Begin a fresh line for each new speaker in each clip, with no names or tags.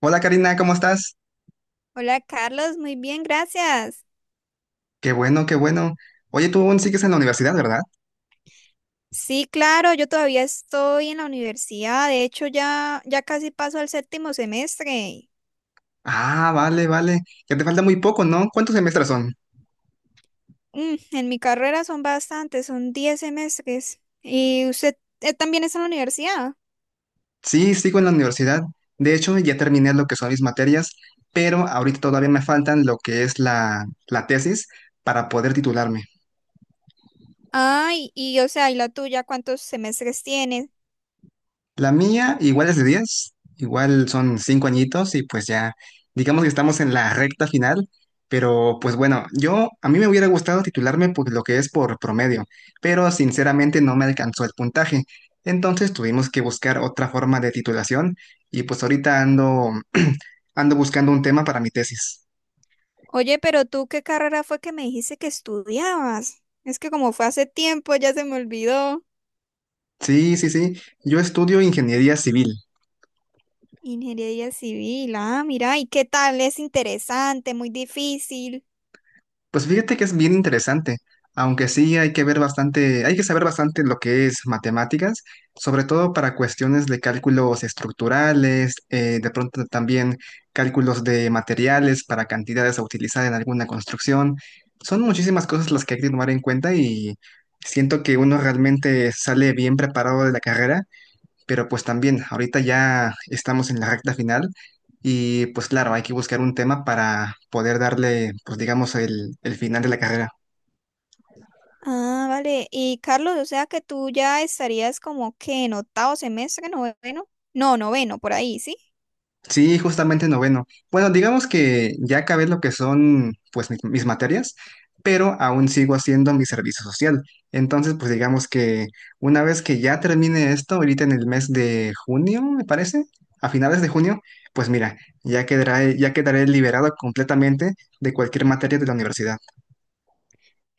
Hola Karina, ¿cómo estás?
Hola Carlos, muy bien, gracias.
Qué bueno, qué bueno. Oye, tú aún sigues en la universidad, ¿verdad?
Sí, claro, yo todavía estoy en la universidad, de hecho ya casi paso al séptimo semestre.
Ah, vale, vale. Ya te falta muy poco, ¿no? ¿Cuántos semestres son?
En mi carrera son bastantes, son 10 semestres. ¿Y usted también está en la universidad?
Sí, sigo en la universidad. De hecho, ya terminé lo que son mis materias, pero ahorita todavía me faltan lo que es la tesis para poder titularme.
Ay, y o sea, ¿y la tuya cuántos semestres tienes?
La mía igual es de 10, igual son 5 añitos y pues ya, digamos que estamos en la recta final, pero pues bueno, yo a mí me hubiera gustado titularme por lo que es por promedio, pero sinceramente no me alcanzó el puntaje. Entonces tuvimos que buscar otra forma de titulación y pues ahorita ando ando buscando un tema para mi tesis.
Oye, pero tú, ¿qué carrera fue que me dijiste que estudiabas? Es que como fue hace tiempo, ya se me olvidó.
Sí, sí, sí, yo estudio ingeniería civil.
Ingeniería civil, ah, mira, ¿y qué tal? Es interesante, muy difícil.
Pues fíjate que es bien interesante, aunque sí hay que ver bastante, hay que saber bastante lo que es matemáticas, sobre todo para cuestiones de cálculos estructurales, de pronto también cálculos de materiales para cantidades a utilizar en alguna construcción. Son muchísimas cosas las que hay que tomar en cuenta y siento que uno realmente sale bien preparado de la carrera, pero pues también, ahorita ya estamos en la recta final y pues claro, hay que buscar un tema para poder darle, pues digamos, el final de la carrera.
Ah, vale. Y Carlos, o sea que tú ya estarías como que en octavo semestre, noveno. No, noveno, por ahí, ¿sí?
Sí, justamente noveno. Bueno, digamos que ya acabé lo que son pues mis materias, pero aún sigo haciendo mi servicio social. Entonces, pues digamos que una vez que ya termine esto, ahorita en el mes de junio, me parece, a finales de junio, pues mira, ya quedaré liberado completamente de cualquier materia de la universidad.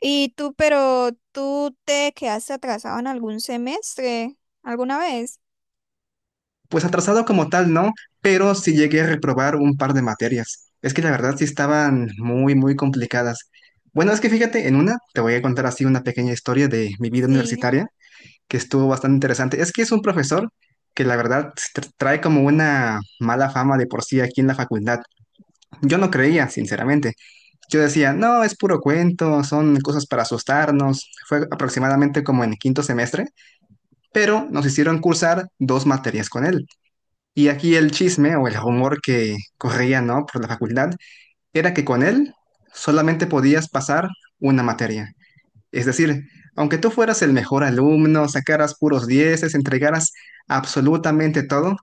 Y tú, pero tú te quedaste atrasado en algún semestre, ¿alguna vez?
Pues atrasado como tal, no, pero sí llegué a reprobar un par de materias. Es que la verdad sí estaban muy, muy complicadas. Bueno, es que fíjate, en una te voy a contar así una pequeña historia de mi vida
Sí.
universitaria que estuvo bastante interesante. Es que es un profesor que la verdad trae como una mala fama de por sí aquí en la facultad. Yo no creía, sinceramente. Yo decía, no, es puro cuento, son cosas para asustarnos. Fue aproximadamente como en quinto semestre, pero nos hicieron cursar dos materias con él. Y aquí el chisme o el rumor que corría, ¿no?, por la facultad, era que con él solamente podías pasar una materia. Es decir, aunque tú fueras el mejor alumno, sacaras puros dieces, entregaras absolutamente todo,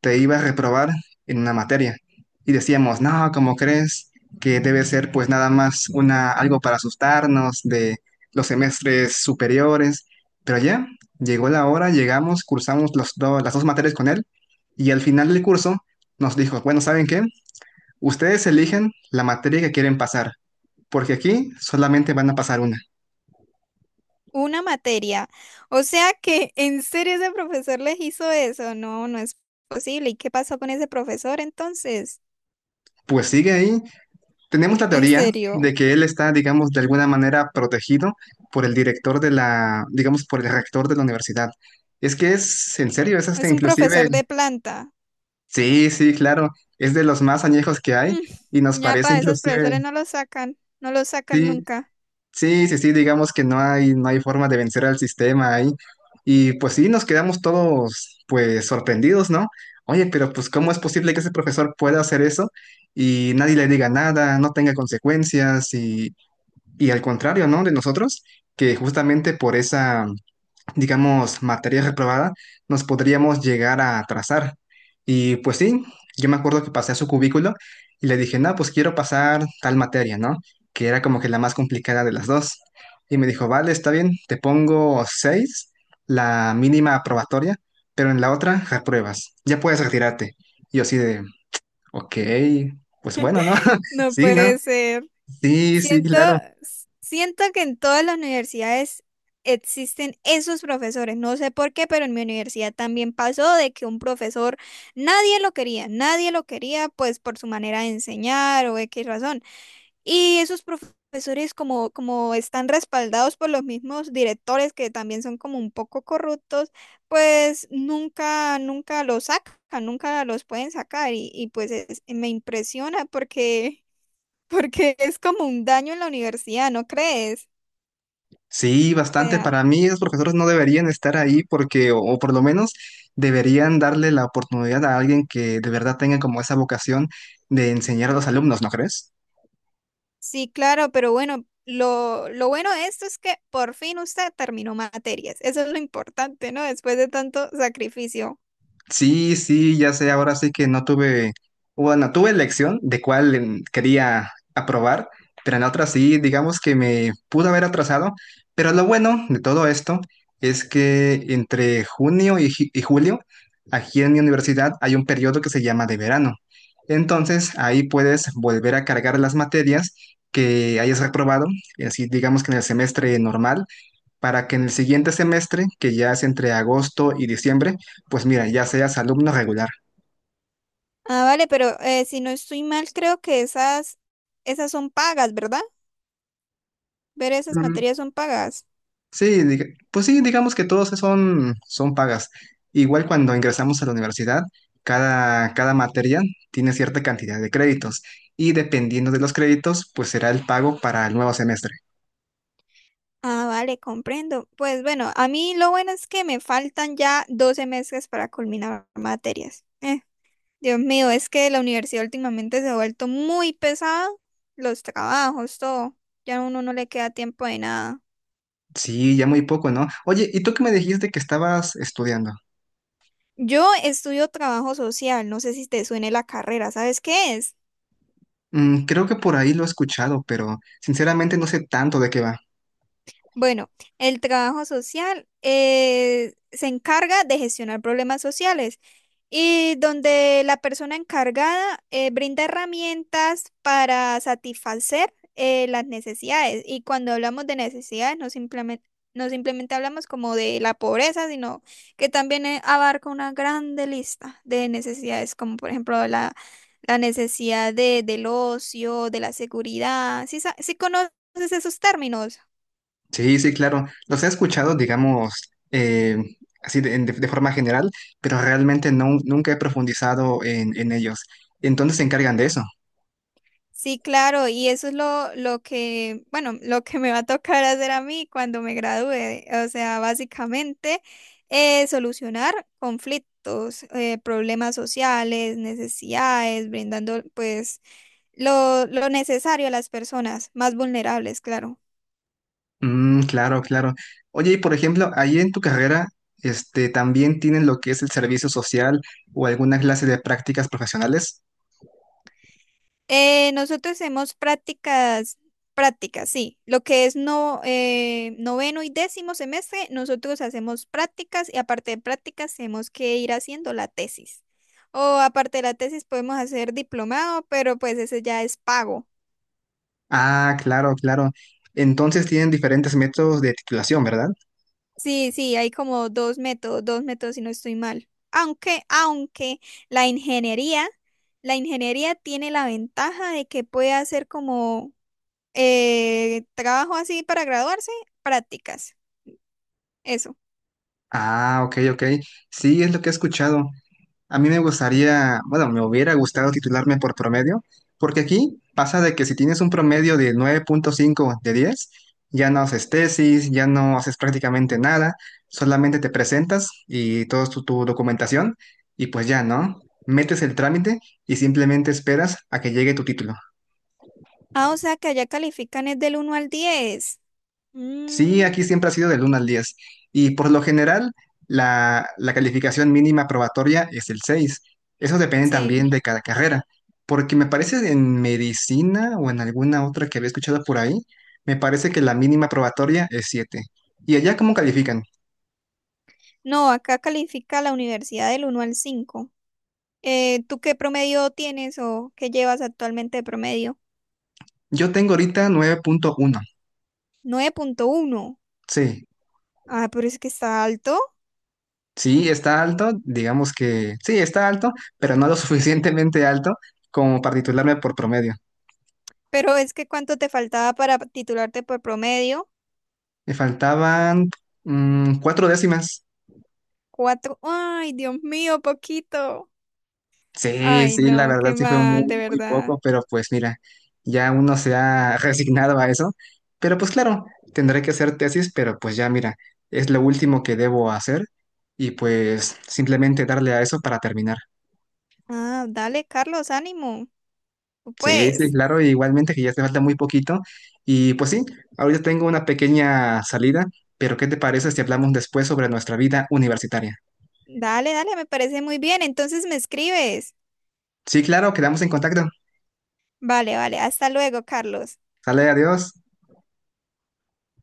te iba a reprobar en una materia. Y decíamos, no, ¿cómo crees?, que debe ser pues nada más una, algo para asustarnos de los semestres superiores. Pero ya, llegó la hora, llegamos, cursamos las dos materias con él, y al final del curso nos dijo, bueno, ¿saben qué? Ustedes eligen la materia que quieren pasar, porque aquí solamente van a pasar una.
Una materia. O sea que en serio ese profesor les hizo eso. No, no es posible. ¿Y qué pasó con ese profesor entonces?
Pues sigue ahí. Tenemos la
En
teoría
serio.
de que él está, digamos, de alguna manera protegido por el director de la, digamos, por el rector de la universidad. Es que es, en serio, es hasta
Es un profesor de
inclusive,
planta.
sí, sí, claro, es de los más añejos que hay, y nos
Mm, Ya
parece
para esos profesores
inclusive,
no lo sacan. No lo sacan
sí,
nunca.
sí, sí, sí, digamos que no hay, forma de vencer al sistema ahí. Y pues sí, nos quedamos todos, pues, sorprendidos, ¿no? Oye, pero pues, ¿cómo es posible que ese profesor pueda hacer eso y nadie le diga nada, no tenga consecuencias? Y al contrario, ¿no?, de nosotros, que justamente por esa, digamos, materia reprobada, nos podríamos llegar a atrasar. Y pues sí, yo me acuerdo que pasé a su cubículo y le dije, no, pues quiero pasar tal materia, ¿no? Que era como que la más complicada de las dos. Y me dijo, vale, está bien, te pongo seis, la mínima aprobatoria, pero en la otra repruebas, ya puedes retirarte. Y yo así de, ok, pues bueno, ¿no?
No
Sí, ¿no?
puede ser.
Sí, sí,
Siento,
claro.
siento que en todas las universidades existen esos profesores. No sé por qué, pero en mi universidad también pasó de que un profesor nadie lo quería, nadie lo quería, pues por su manera de enseñar o X razón. Y esos profesores como están respaldados por los mismos directores que también son como un poco corruptos, pues nunca, nunca los sacan, nunca los pueden sacar. Y pues me impresiona porque es como un daño en la universidad, ¿no crees?
Sí,
O
bastante. Para
sea,
mí, los profesores no deberían estar ahí porque, o por lo menos, deberían darle la oportunidad a alguien que de verdad tenga como esa vocación de enseñar a los alumnos, ¿no crees?
sí, claro, pero bueno, lo bueno de esto es que por fin usted terminó materias. Eso es lo importante, ¿no? Después de tanto sacrificio.
Sí, sí, ya sé, ahora sí que no tuve, bueno, tuve elección de cuál quería aprobar, pero en la otra sí, digamos que me pudo haber atrasado, pero lo bueno de todo esto es que entre junio y julio, aquí en mi universidad hay un periodo que se llama de verano. Entonces, ahí puedes volver a cargar las materias que hayas reprobado, y así digamos que en el semestre normal, para que en el siguiente semestre, que ya es entre agosto y diciembre, pues mira, ya seas alumno regular.
Ah, vale, pero si no estoy mal, creo que esas son pagas, ¿verdad? Ver esas
Mm,
materias son pagas.
sí, pues sí, digamos que todos son, pagas. Igual cuando ingresamos a la universidad, cada materia tiene cierta cantidad de créditos, y dependiendo de los créditos, pues será el pago para el nuevo semestre.
Ah, vale, comprendo. Pues bueno, a mí lo bueno es que me faltan ya 12 meses para culminar materias. Dios mío, es que la universidad últimamente se ha vuelto muy pesada, los trabajos, todo. Ya a uno no le queda tiempo de nada.
Sí, ya muy poco, ¿no? Oye, ¿y tú qué me dijiste que estabas estudiando?
Yo estudio trabajo social, no sé si te suene la carrera, ¿sabes qué es?
Mm, creo que por ahí lo he escuchado, pero sinceramente no sé tanto de qué va.
Bueno, el trabajo social se encarga de gestionar problemas sociales. Y donde la persona encargada brinda herramientas para satisfacer las necesidades. Y cuando hablamos de necesidades, no simplemente hablamos como de la pobreza, sino que también abarca una grande lista de necesidades, como por ejemplo la necesidad del ocio, de la seguridad. ¿Sí, sí conoces esos términos?
Sí, sí, claro. Los he escuchado, digamos, así de forma general, pero realmente no, nunca he profundizado en ellos. Entonces se encargan de eso.
Sí, claro, y eso es lo que, bueno, lo que me va a tocar hacer a mí cuando me gradúe. O sea, básicamente solucionar conflictos, problemas sociales, necesidades, brindando pues lo necesario a las personas más vulnerables, claro.
Mm, claro, claro. Oye, y por ejemplo, ahí en tu carrera, este, ¿también tienen lo que es el servicio social o alguna clase de prácticas profesionales?
Nosotros hacemos prácticas, prácticas, sí. Lo que es no, noveno y décimo semestre, nosotros hacemos prácticas y aparte de prácticas tenemos que ir haciendo la tesis. O aparte de la tesis podemos hacer diplomado, pero pues ese ya es pago.
Ah, claro, claro. Entonces tienen diferentes métodos de titulación, ¿verdad?
Sí, sí, hay como dos métodos si no estoy mal. Aunque la ingeniería, la ingeniería tiene la ventaja de que puede hacer como trabajo así para graduarse, prácticas. Eso.
Ah, ok, ok. Sí, es lo que he escuchado. A mí me gustaría, bueno, me hubiera gustado titularme por promedio, porque aquí pasa de que si tienes un promedio de 9,5 de 10, ya no haces tesis, ya no haces prácticamente nada, solamente te presentas y toda tu documentación y pues ya, ¿no? Metes el trámite y simplemente esperas a que llegue tu título.
Ah, o sea que allá califican es del 1 al 10.
Sí,
Mm,
aquí siempre ha sido del 1 al 10. Y por lo general, la calificación mínima probatoria es el 6. Eso depende también
sí.
de cada carrera. Porque me parece en medicina o en alguna otra que había escuchado por ahí, me parece que la mínima probatoria es siete. ¿Y allá cómo califican?
No, acá califica la universidad del 1 al 5. ¿Tú qué promedio tienes o qué llevas actualmente de promedio?
Yo tengo ahorita 9,1.
9,1.
Sí,
Ah, pero es que está alto.
sí, está alto, digamos que sí, está alto, pero no lo suficientemente alto como para titularme por promedio.
Pero es que ¿cuánto te faltaba para titularte por promedio?
Me faltaban 4 décimas.
Cuatro. Ay, Dios mío, poquito.
Sí,
Ay,
sí, la
no,
verdad
qué
sí fue
mal, de
muy, muy
verdad.
poco, pero pues mira, ya uno se ha resignado a eso. Pero pues claro, tendré que hacer tesis, pero pues ya mira, es lo último que debo hacer, y pues simplemente darle a eso para terminar.
Ah, dale, Carlos, ánimo.
Sí, sí,
Pues
claro, igualmente que ya te falta muy poquito. Y pues sí, ahorita tengo una pequeña salida, pero ¿qué te parece si hablamos después sobre nuestra vida universitaria?
dale, dale, me parece muy bien. Entonces me escribes.
Sí, claro, quedamos en contacto.
Vale, vale. Hasta luego, Carlos.
Sale, adiós.